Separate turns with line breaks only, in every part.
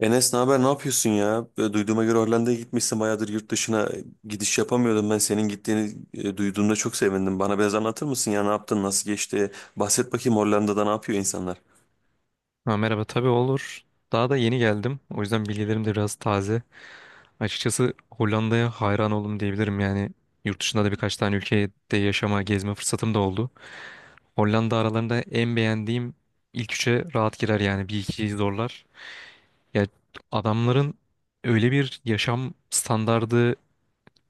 Enes, ne haber, ne yapıyorsun ya? Duyduğuma göre Hollanda'ya gitmişsin bayağıdır, yurt dışına gidiş yapamıyordum. Ben senin gittiğini duyduğumda çok sevindim. Bana biraz anlatır mısın ya, ne yaptın, nasıl geçti? Bahset bakayım, Hollanda'da ne yapıyor insanlar?
Ha, merhaba, tabii olur. Daha da yeni geldim, o yüzden bilgilerim de biraz taze. Açıkçası Hollanda'ya hayran oldum diyebilirim. Yani yurt dışında da birkaç tane ülkede yaşama, gezme fırsatım da oldu. Hollanda aralarında en beğendiğim ilk üçe rahat girer, yani bir ikiyi zorlar. Ya, adamların öyle bir yaşam standardı,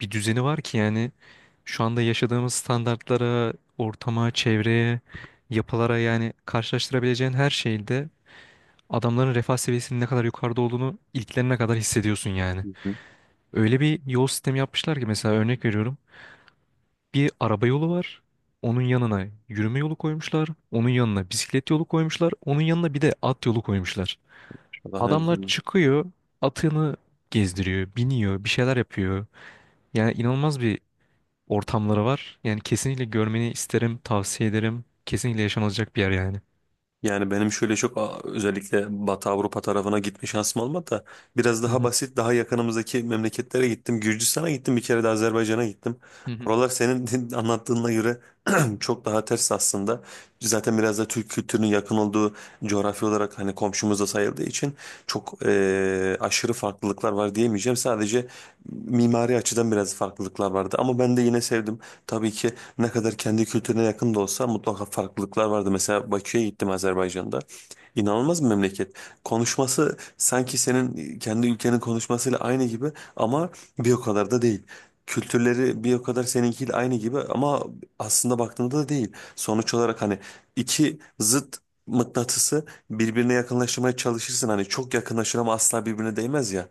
bir düzeni var ki yani şu anda yaşadığımız standartlara, ortama, çevreye, yapılara, yani karşılaştırabileceğin her şeyde adamların refah seviyesinin ne kadar yukarıda olduğunu ilklerine kadar hissediyorsun yani.
Hı hı.
Öyle bir yol sistemi yapmışlar ki, mesela örnek veriyorum. Bir araba yolu var. Onun yanına yürüme yolu koymuşlar. Onun yanına bisiklet yolu koymuşlar. Onun yanına bir de at yolu koymuşlar.
Allah ne
Adamlar
güzel.
çıkıyor, atını gezdiriyor, biniyor, bir şeyler yapıyor. Yani inanılmaz bir ortamları var. Yani kesinlikle görmeni isterim, tavsiye ederim. Kesinlikle yaşanılacak bir yer yani.
Yani benim şöyle çok özellikle Batı Avrupa tarafına gitme şansım olmadı da biraz
Hı
daha
hı,
basit, daha yakınımızdaki memleketlere gittim. Gürcistan'a gittim, bir kere de Azerbaycan'a gittim.
hı hı.
Oralar senin anlattığına göre çok daha ters aslında. Zaten biraz da Türk kültürünün yakın olduğu, coğrafi olarak hani komşumuz da sayıldığı için çok aşırı farklılıklar var diyemeyeceğim. Sadece mimari açıdan biraz farklılıklar vardı ama ben de yine sevdim. Tabii ki ne kadar kendi kültürüne yakın da olsa mutlaka farklılıklar vardı. Mesela Bakü'ye gittim, Azerbaycan'da. İnanılmaz bir memleket. Konuşması sanki senin kendi ülkenin konuşmasıyla aynı gibi ama bir o kadar da değil. Kültürleri bir o kadar seninkiyle aynı gibi ama aslında baktığında da değil. Sonuç olarak hani iki zıt mıknatısı birbirine yakınlaştırmaya çalışırsın. Hani çok yakınlaşır ama asla birbirine değmez ya.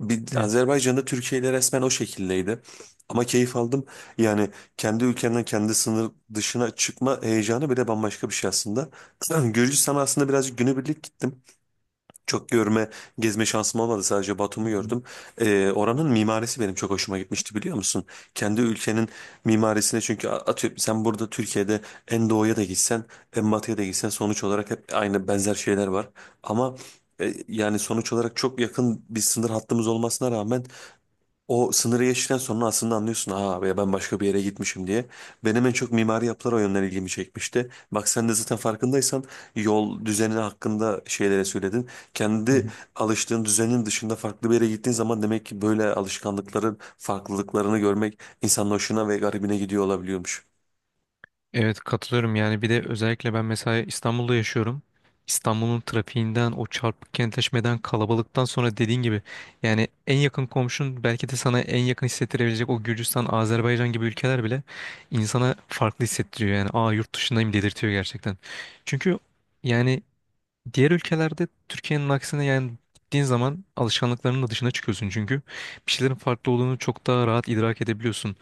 Bir,
Evet.
Azerbaycan'da Türkiye ile resmen o şekildeydi. Ama keyif aldım. Yani kendi ülkenden kendi sınır dışına çıkma heyecanı bile bambaşka bir şey aslında. Gürcistan'a aslında birazcık günübirlik gittim. Çok görme, gezme şansım olmadı. Sadece
Hı
Batum'u
hı,
gördüm. Oranın mimarisi benim çok hoşuma gitmişti, biliyor musun? Kendi ülkenin mimarisine çünkü atıyorum, sen burada Türkiye'de en doğuya da gitsen, en batıya da gitsen, sonuç olarak hep aynı, benzer şeyler var. Ama yani sonuç olarak çok yakın bir sınır hattımız olmasına rağmen o sınırı geçtikten sonra aslında anlıyorsun, ha be ben başka bir yere gitmişim diye. Benim en çok mimari yapılar o yönden ilgimi çekmişti. Bak sen de zaten farkındaysan yol düzeni hakkında şeylere söyledin.
hı
Kendi
hı.
alıştığın düzenin dışında farklı bir yere gittiğin zaman demek ki böyle alışkanlıkların farklılıklarını görmek insanın hoşuna ve garibine gidiyor olabiliyormuş.
Evet, katılıyorum. Yani bir de özellikle ben mesela İstanbul'da yaşıyorum. İstanbul'un trafiğinden, o çarpık kentleşmeden, kalabalıktan sonra dediğin gibi yani en yakın komşun, belki de sana en yakın hissettirebilecek o Gürcistan, Azerbaycan gibi ülkeler bile insana farklı hissettiriyor. Yani aa, yurt dışındayım dedirtiyor gerçekten. Çünkü yani diğer ülkelerde Türkiye'nin aksine, yani gittiğin zaman alışkanlıklarının da dışına çıkıyorsun, çünkü bir şeylerin farklı olduğunu çok daha rahat idrak edebiliyorsun.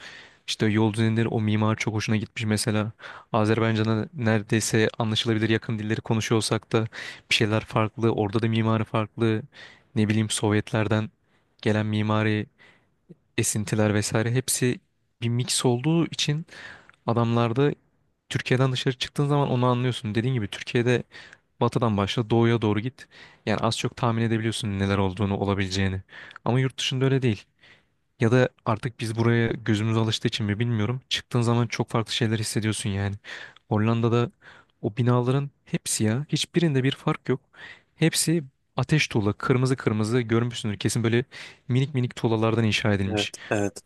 İşte yol düzenleri, o mimar çok hoşuna gitmiş mesela. Azerbaycan'a neredeyse anlaşılabilir yakın dilleri konuşuyor olsak da bir şeyler farklı. Orada da mimarı farklı. Ne bileyim, Sovyetlerden gelen mimari esintiler vesaire, hepsi bir mix olduğu için adamlarda Türkiye'den dışarı çıktığın zaman onu anlıyorsun. Dediğin gibi Türkiye'de batıdan başla doğuya doğru git. Yani az çok tahmin edebiliyorsun neler olduğunu, olabileceğini. Ama yurt dışında öyle değil. Ya da artık biz buraya gözümüz alıştığı için mi bilmiyorum. Çıktığın zaman çok farklı şeyler hissediyorsun yani. Hollanda'da o binaların hepsi ya, hiçbirinde bir fark yok. Hepsi ateş tuğla. Kırmızı kırmızı görmüşsündür. Kesin böyle minik minik tuğlalardan inşa
Evet,
edilmiş.
evet.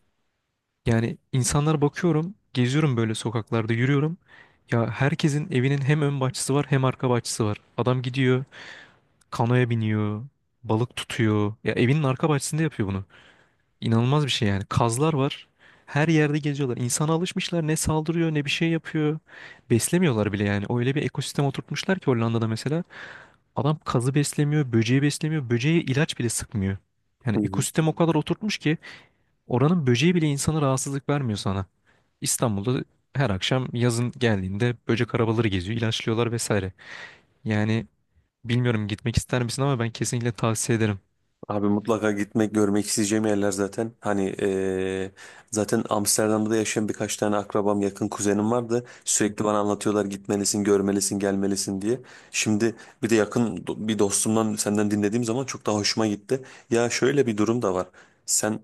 Yani insanlara bakıyorum, geziyorum böyle, sokaklarda yürüyorum. Ya, herkesin evinin hem ön bahçesi var, hem arka bahçesi var. Adam gidiyor kanoya biniyor, balık tutuyor. Ya evinin arka bahçesinde yapıyor bunu. İnanılmaz bir şey yani. Kazlar var, her yerde geziyorlar. İnsana alışmışlar. Ne saldırıyor, ne bir şey yapıyor. Beslemiyorlar bile yani. Öyle bir ekosistem oturtmuşlar ki Hollanda'da mesela. Adam kazı beslemiyor, böceği beslemiyor. Böceğe ilaç bile sıkmıyor. Yani
Hı hı.
ekosistem o kadar oturtmuş ki oranın böceği bile insana rahatsızlık vermiyor sana. İstanbul'da her akşam, yazın geldiğinde, böcek arabaları geziyor, ilaçlıyorlar vesaire. Yani bilmiyorum gitmek ister misin, ama ben kesinlikle tavsiye ederim.
Abi, mutlaka gitmek, görmek isteyeceğim yerler zaten. Hani zaten Amsterdam'da da yaşayan birkaç tane akrabam, yakın kuzenim vardı. Sürekli bana anlatıyorlar, gitmelisin, görmelisin, gelmelisin diye. Şimdi bir de yakın bir dostumdan, senden dinlediğim zaman çok daha hoşuma gitti. Ya şöyle bir durum da var. Sen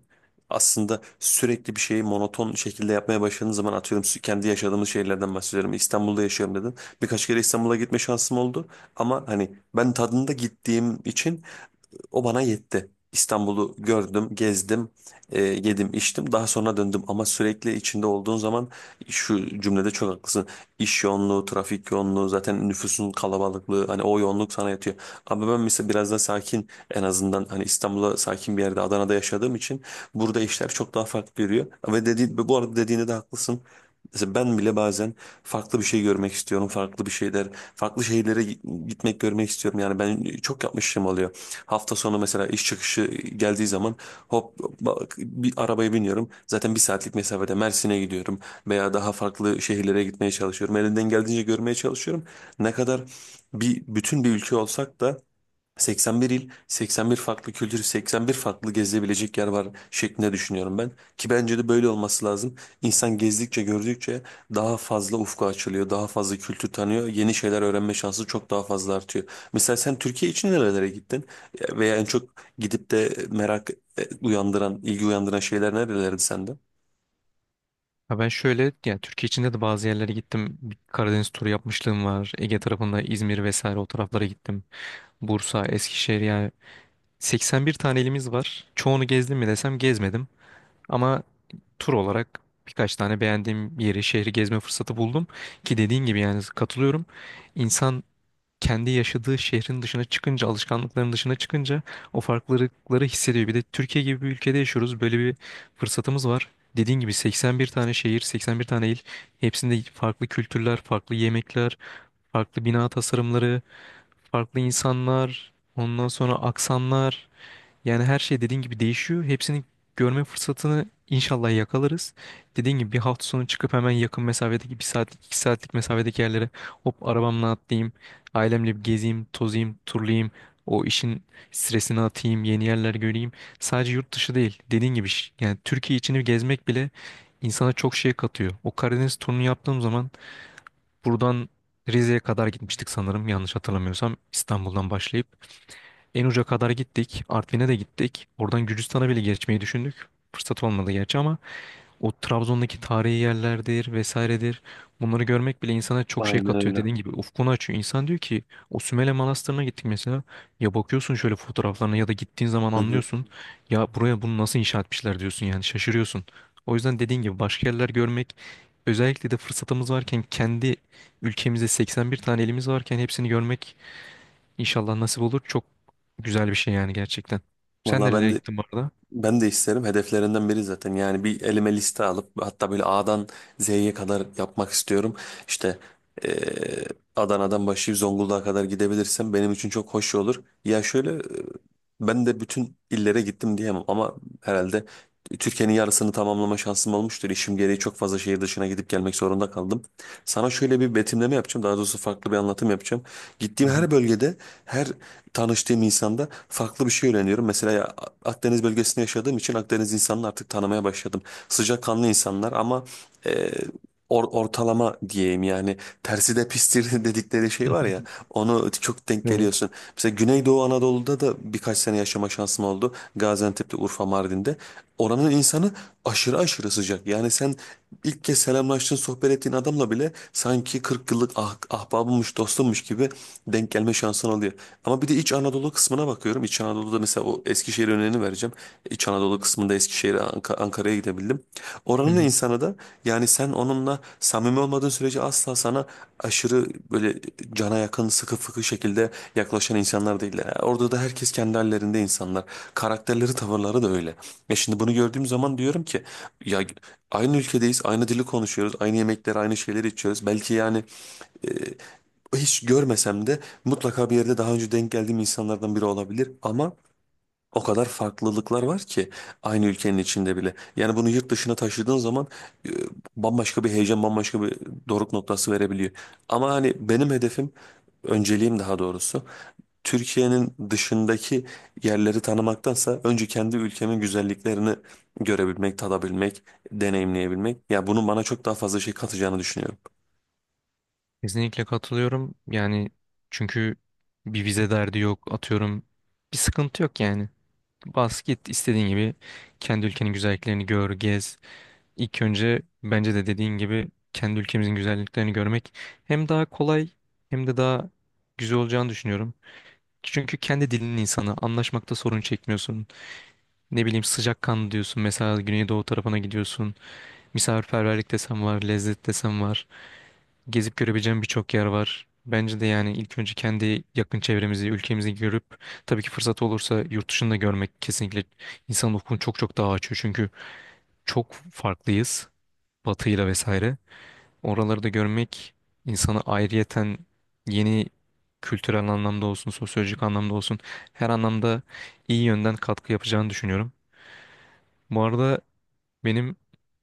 aslında sürekli bir şeyi monoton şekilde yapmaya başladığın zaman, atıyorum kendi yaşadığımız şeylerden bahsediyorum. İstanbul'da yaşıyorum dedin. Birkaç kere İstanbul'a gitme şansım oldu. Ama hani ben tadında gittiğim için o bana yetti. İstanbul'u gördüm, gezdim, yedim, içtim. Daha sonra döndüm ama sürekli içinde olduğun zaman, şu cümlede çok haklısın. İş yoğunluğu, trafik yoğunluğu, zaten nüfusun kalabalıklığı, hani o yoğunluk sana yatıyor. Ama ben mesela biraz daha sakin, en azından hani İstanbul'a sakin bir yerde, Adana'da yaşadığım için burada işler çok daha farklı yürüyor. Ve dedi, bu arada dediğinde de haklısın. Mesela ben bile bazen farklı bir şey görmek istiyorum. Farklı bir şeyler, farklı şehirlere gitmek, görmek istiyorum. Yani ben çok yapmışım oluyor. Hafta sonu mesela iş çıkışı geldiği zaman hop bak, bir arabaya biniyorum. Zaten bir saatlik mesafede Mersin'e gidiyorum veya daha farklı şehirlere gitmeye çalışıyorum. Elimden geldiğince görmeye çalışıyorum. Ne kadar bir bütün bir ülke olsak da 81 il, 81 farklı kültür, 81 farklı gezilebilecek yer var şeklinde düşünüyorum ben. Ki bence de böyle olması lazım. İnsan gezdikçe, gördükçe daha fazla ufku açılıyor, daha fazla kültür tanıyor, yeni şeyler öğrenme şansı çok daha fazla artıyor. Mesela sen Türkiye için nerelere gittin? Veya en çok gidip de merak uyandıran, ilgi uyandıran şeyler nerelerdi sende?
Ha, ben şöyle, yani Türkiye içinde de bazı yerlere gittim. Bir Karadeniz turu yapmışlığım var. Ege tarafında İzmir vesaire, o taraflara gittim. Bursa, Eskişehir, yani 81 tane elimiz var. Çoğunu gezdim mi desem gezmedim. Ama tur olarak birkaç tane beğendiğim yeri, şehri gezme fırsatı buldum. Ki dediğin gibi, yani katılıyorum. İnsan kendi yaşadığı şehrin dışına çıkınca, alışkanlıkların dışına çıkınca o farklılıkları hissediyor. Bir de Türkiye gibi bir ülkede yaşıyoruz, böyle bir fırsatımız var. Dediğin gibi 81 tane şehir, 81 tane il. Hepsinde farklı kültürler, farklı yemekler, farklı bina tasarımları, farklı insanlar, ondan sonra aksanlar. Yani her şey dediğin gibi değişiyor. Hepsini görme fırsatını inşallah yakalarız. Dediğin gibi bir hafta sonu çıkıp hemen yakın mesafedeki, bir saatlik iki saatlik mesafedeki yerlere hop arabamla atlayayım, ailemle bir gezeyim, tozayım, turlayayım. O işin stresini atayım, yeni yerler göreyim. Sadece yurt dışı değil, dediğin gibi yani Türkiye içini gezmek bile insana çok şey katıyor. O Karadeniz turunu yaptığım zaman buradan Rize'ye kadar gitmiştik sanırım, yanlış hatırlamıyorsam, İstanbul'dan başlayıp. En uca kadar gittik. Artvin'e de gittik. Oradan Gürcistan'a bile geçmeyi düşündük. Fırsat olmadı gerçi, ama o Trabzon'daki tarihi yerlerdir vesairedir. Bunları görmek bile insana çok şey
Aynen
katıyor.
öyle.
Dediğin gibi ufkunu açıyor. İnsan diyor ki o Sümele Manastırı'na gittik mesela. Ya bakıyorsun şöyle fotoğraflarına, ya da gittiğin zaman
Hı hı.
anlıyorsun. Ya buraya bunu nasıl inşa etmişler diyorsun, yani şaşırıyorsun. O yüzden dediğin gibi başka yerler görmek, özellikle de fırsatımız varken, kendi ülkemizde 81 tane elimiz varken hepsini görmek İnşallah nasip olur. Çok güzel bir şey yani, gerçekten. Sen
Valla ben
nerelere
de,
gittin bu arada?
ben de isterim. Hedeflerinden biri zaten. Yani bir elime liste alıp hatta böyle A'dan Z'ye kadar yapmak istiyorum. İşte eee, Adana'dan başlayıp Zonguldak'a kadar gidebilirsem benim için çok hoş olur. Ya şöyle ben de bütün illere gittim diyemem ama herhalde Türkiye'nin yarısını tamamlama şansım olmuştur. İşim gereği çok fazla şehir dışına gidip gelmek zorunda kaldım. Sana şöyle bir betimleme yapacağım. Daha doğrusu farklı bir anlatım yapacağım.
Hı
Gittiğim
hı.
her bölgede, her tanıştığım insanda farklı bir şey öğreniyorum. Mesela Akdeniz bölgesinde yaşadığım için Akdeniz insanını artık tanımaya başladım. Sıcakkanlı insanlar ama e, ortalama diyeyim, yani tersi de pistir dedikleri şey var ya, onu çok denk
Evet.
geliyorsun. Mesela Güneydoğu Anadolu'da da birkaç sene yaşama şansım oldu. Gaziantep'te, Urfa, Mardin'de. Oranın insanı aşırı aşırı sıcak. Yani sen ilk kez selamlaştığın, sohbet ettiğin adamla bile sanki 40 yıllık ahbabımmış, dostummuş gibi denk gelme şansın oluyor. Ama bir de İç Anadolu kısmına bakıyorum. İç Anadolu'da mesela o Eskişehir örneğini vereceğim. İç Anadolu kısmında Eskişehir'e, Ankara'ya gidebildim.
Hı
Oranın
hı.
insanı da yani sen onunla samimi olmadığın sürece asla sana aşırı böyle cana yakın, sıkı fıkı şekilde yaklaşan insanlar değiller. Yani orada da herkes kendi hallerinde insanlar. Karakterleri, tavırları da öyle. Ya şimdi bunu gördüğüm zaman diyorum ki ya, aynı ülkedeyiz, aynı dili konuşuyoruz, aynı yemekleri, aynı şeyleri içiyoruz. Belki yani hiç görmesem de mutlaka bir yerde daha önce denk geldiğim insanlardan biri olabilir ama o kadar farklılıklar var ki, aynı ülkenin içinde bile. Yani bunu yurt dışına taşıdığın zaman e, bambaşka bir heyecan, bambaşka bir doruk noktası verebiliyor. Ama hani benim hedefim, önceliğim daha doğrusu, Türkiye'nin dışındaki yerleri tanımaktansa önce kendi ülkemin güzelliklerini görebilmek, tadabilmek, deneyimleyebilmek. Ya bunun bana çok daha fazla şey katacağını düşünüyorum.
Kesinlikle katılıyorum. Yani çünkü bir vize derdi yok. Atıyorum, bir sıkıntı yok yani. Bas git, istediğin gibi kendi ülkenin güzelliklerini gör, gez. İlk önce bence de dediğin gibi kendi ülkemizin güzelliklerini görmek hem daha kolay, hem de daha güzel olacağını düşünüyorum. Çünkü kendi dilinin insanı, anlaşmakta sorun çekmiyorsun. Ne bileyim, sıcakkanlı diyorsun mesela, Güneydoğu tarafına gidiyorsun. Misafirperverlik desem var, lezzet desem var. Gezip görebileceğim birçok yer var. Bence de yani ilk önce kendi yakın çevremizi, ülkemizi görüp tabii ki fırsat olursa yurt dışını da görmek kesinlikle insan ufkunu çok çok daha açıyor. Çünkü çok farklıyız batıyla vesaire. Oraları da görmek insanı ayrıyeten yeni, kültürel anlamda olsun, sosyolojik anlamda olsun, her anlamda iyi yönden katkı yapacağını düşünüyorum. Bu arada benim,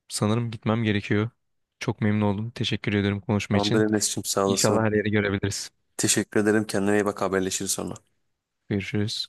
sanırım gitmem gerekiyor. Çok memnun oldum, teşekkür ederim konuşma
Tamamdır
için.
Enes'cim, sağ
İnşallah
olasın.
her yeri görebiliriz.
Teşekkür ederim. Kendine iyi bak. Haberleşiriz sonra.
Görüşürüz.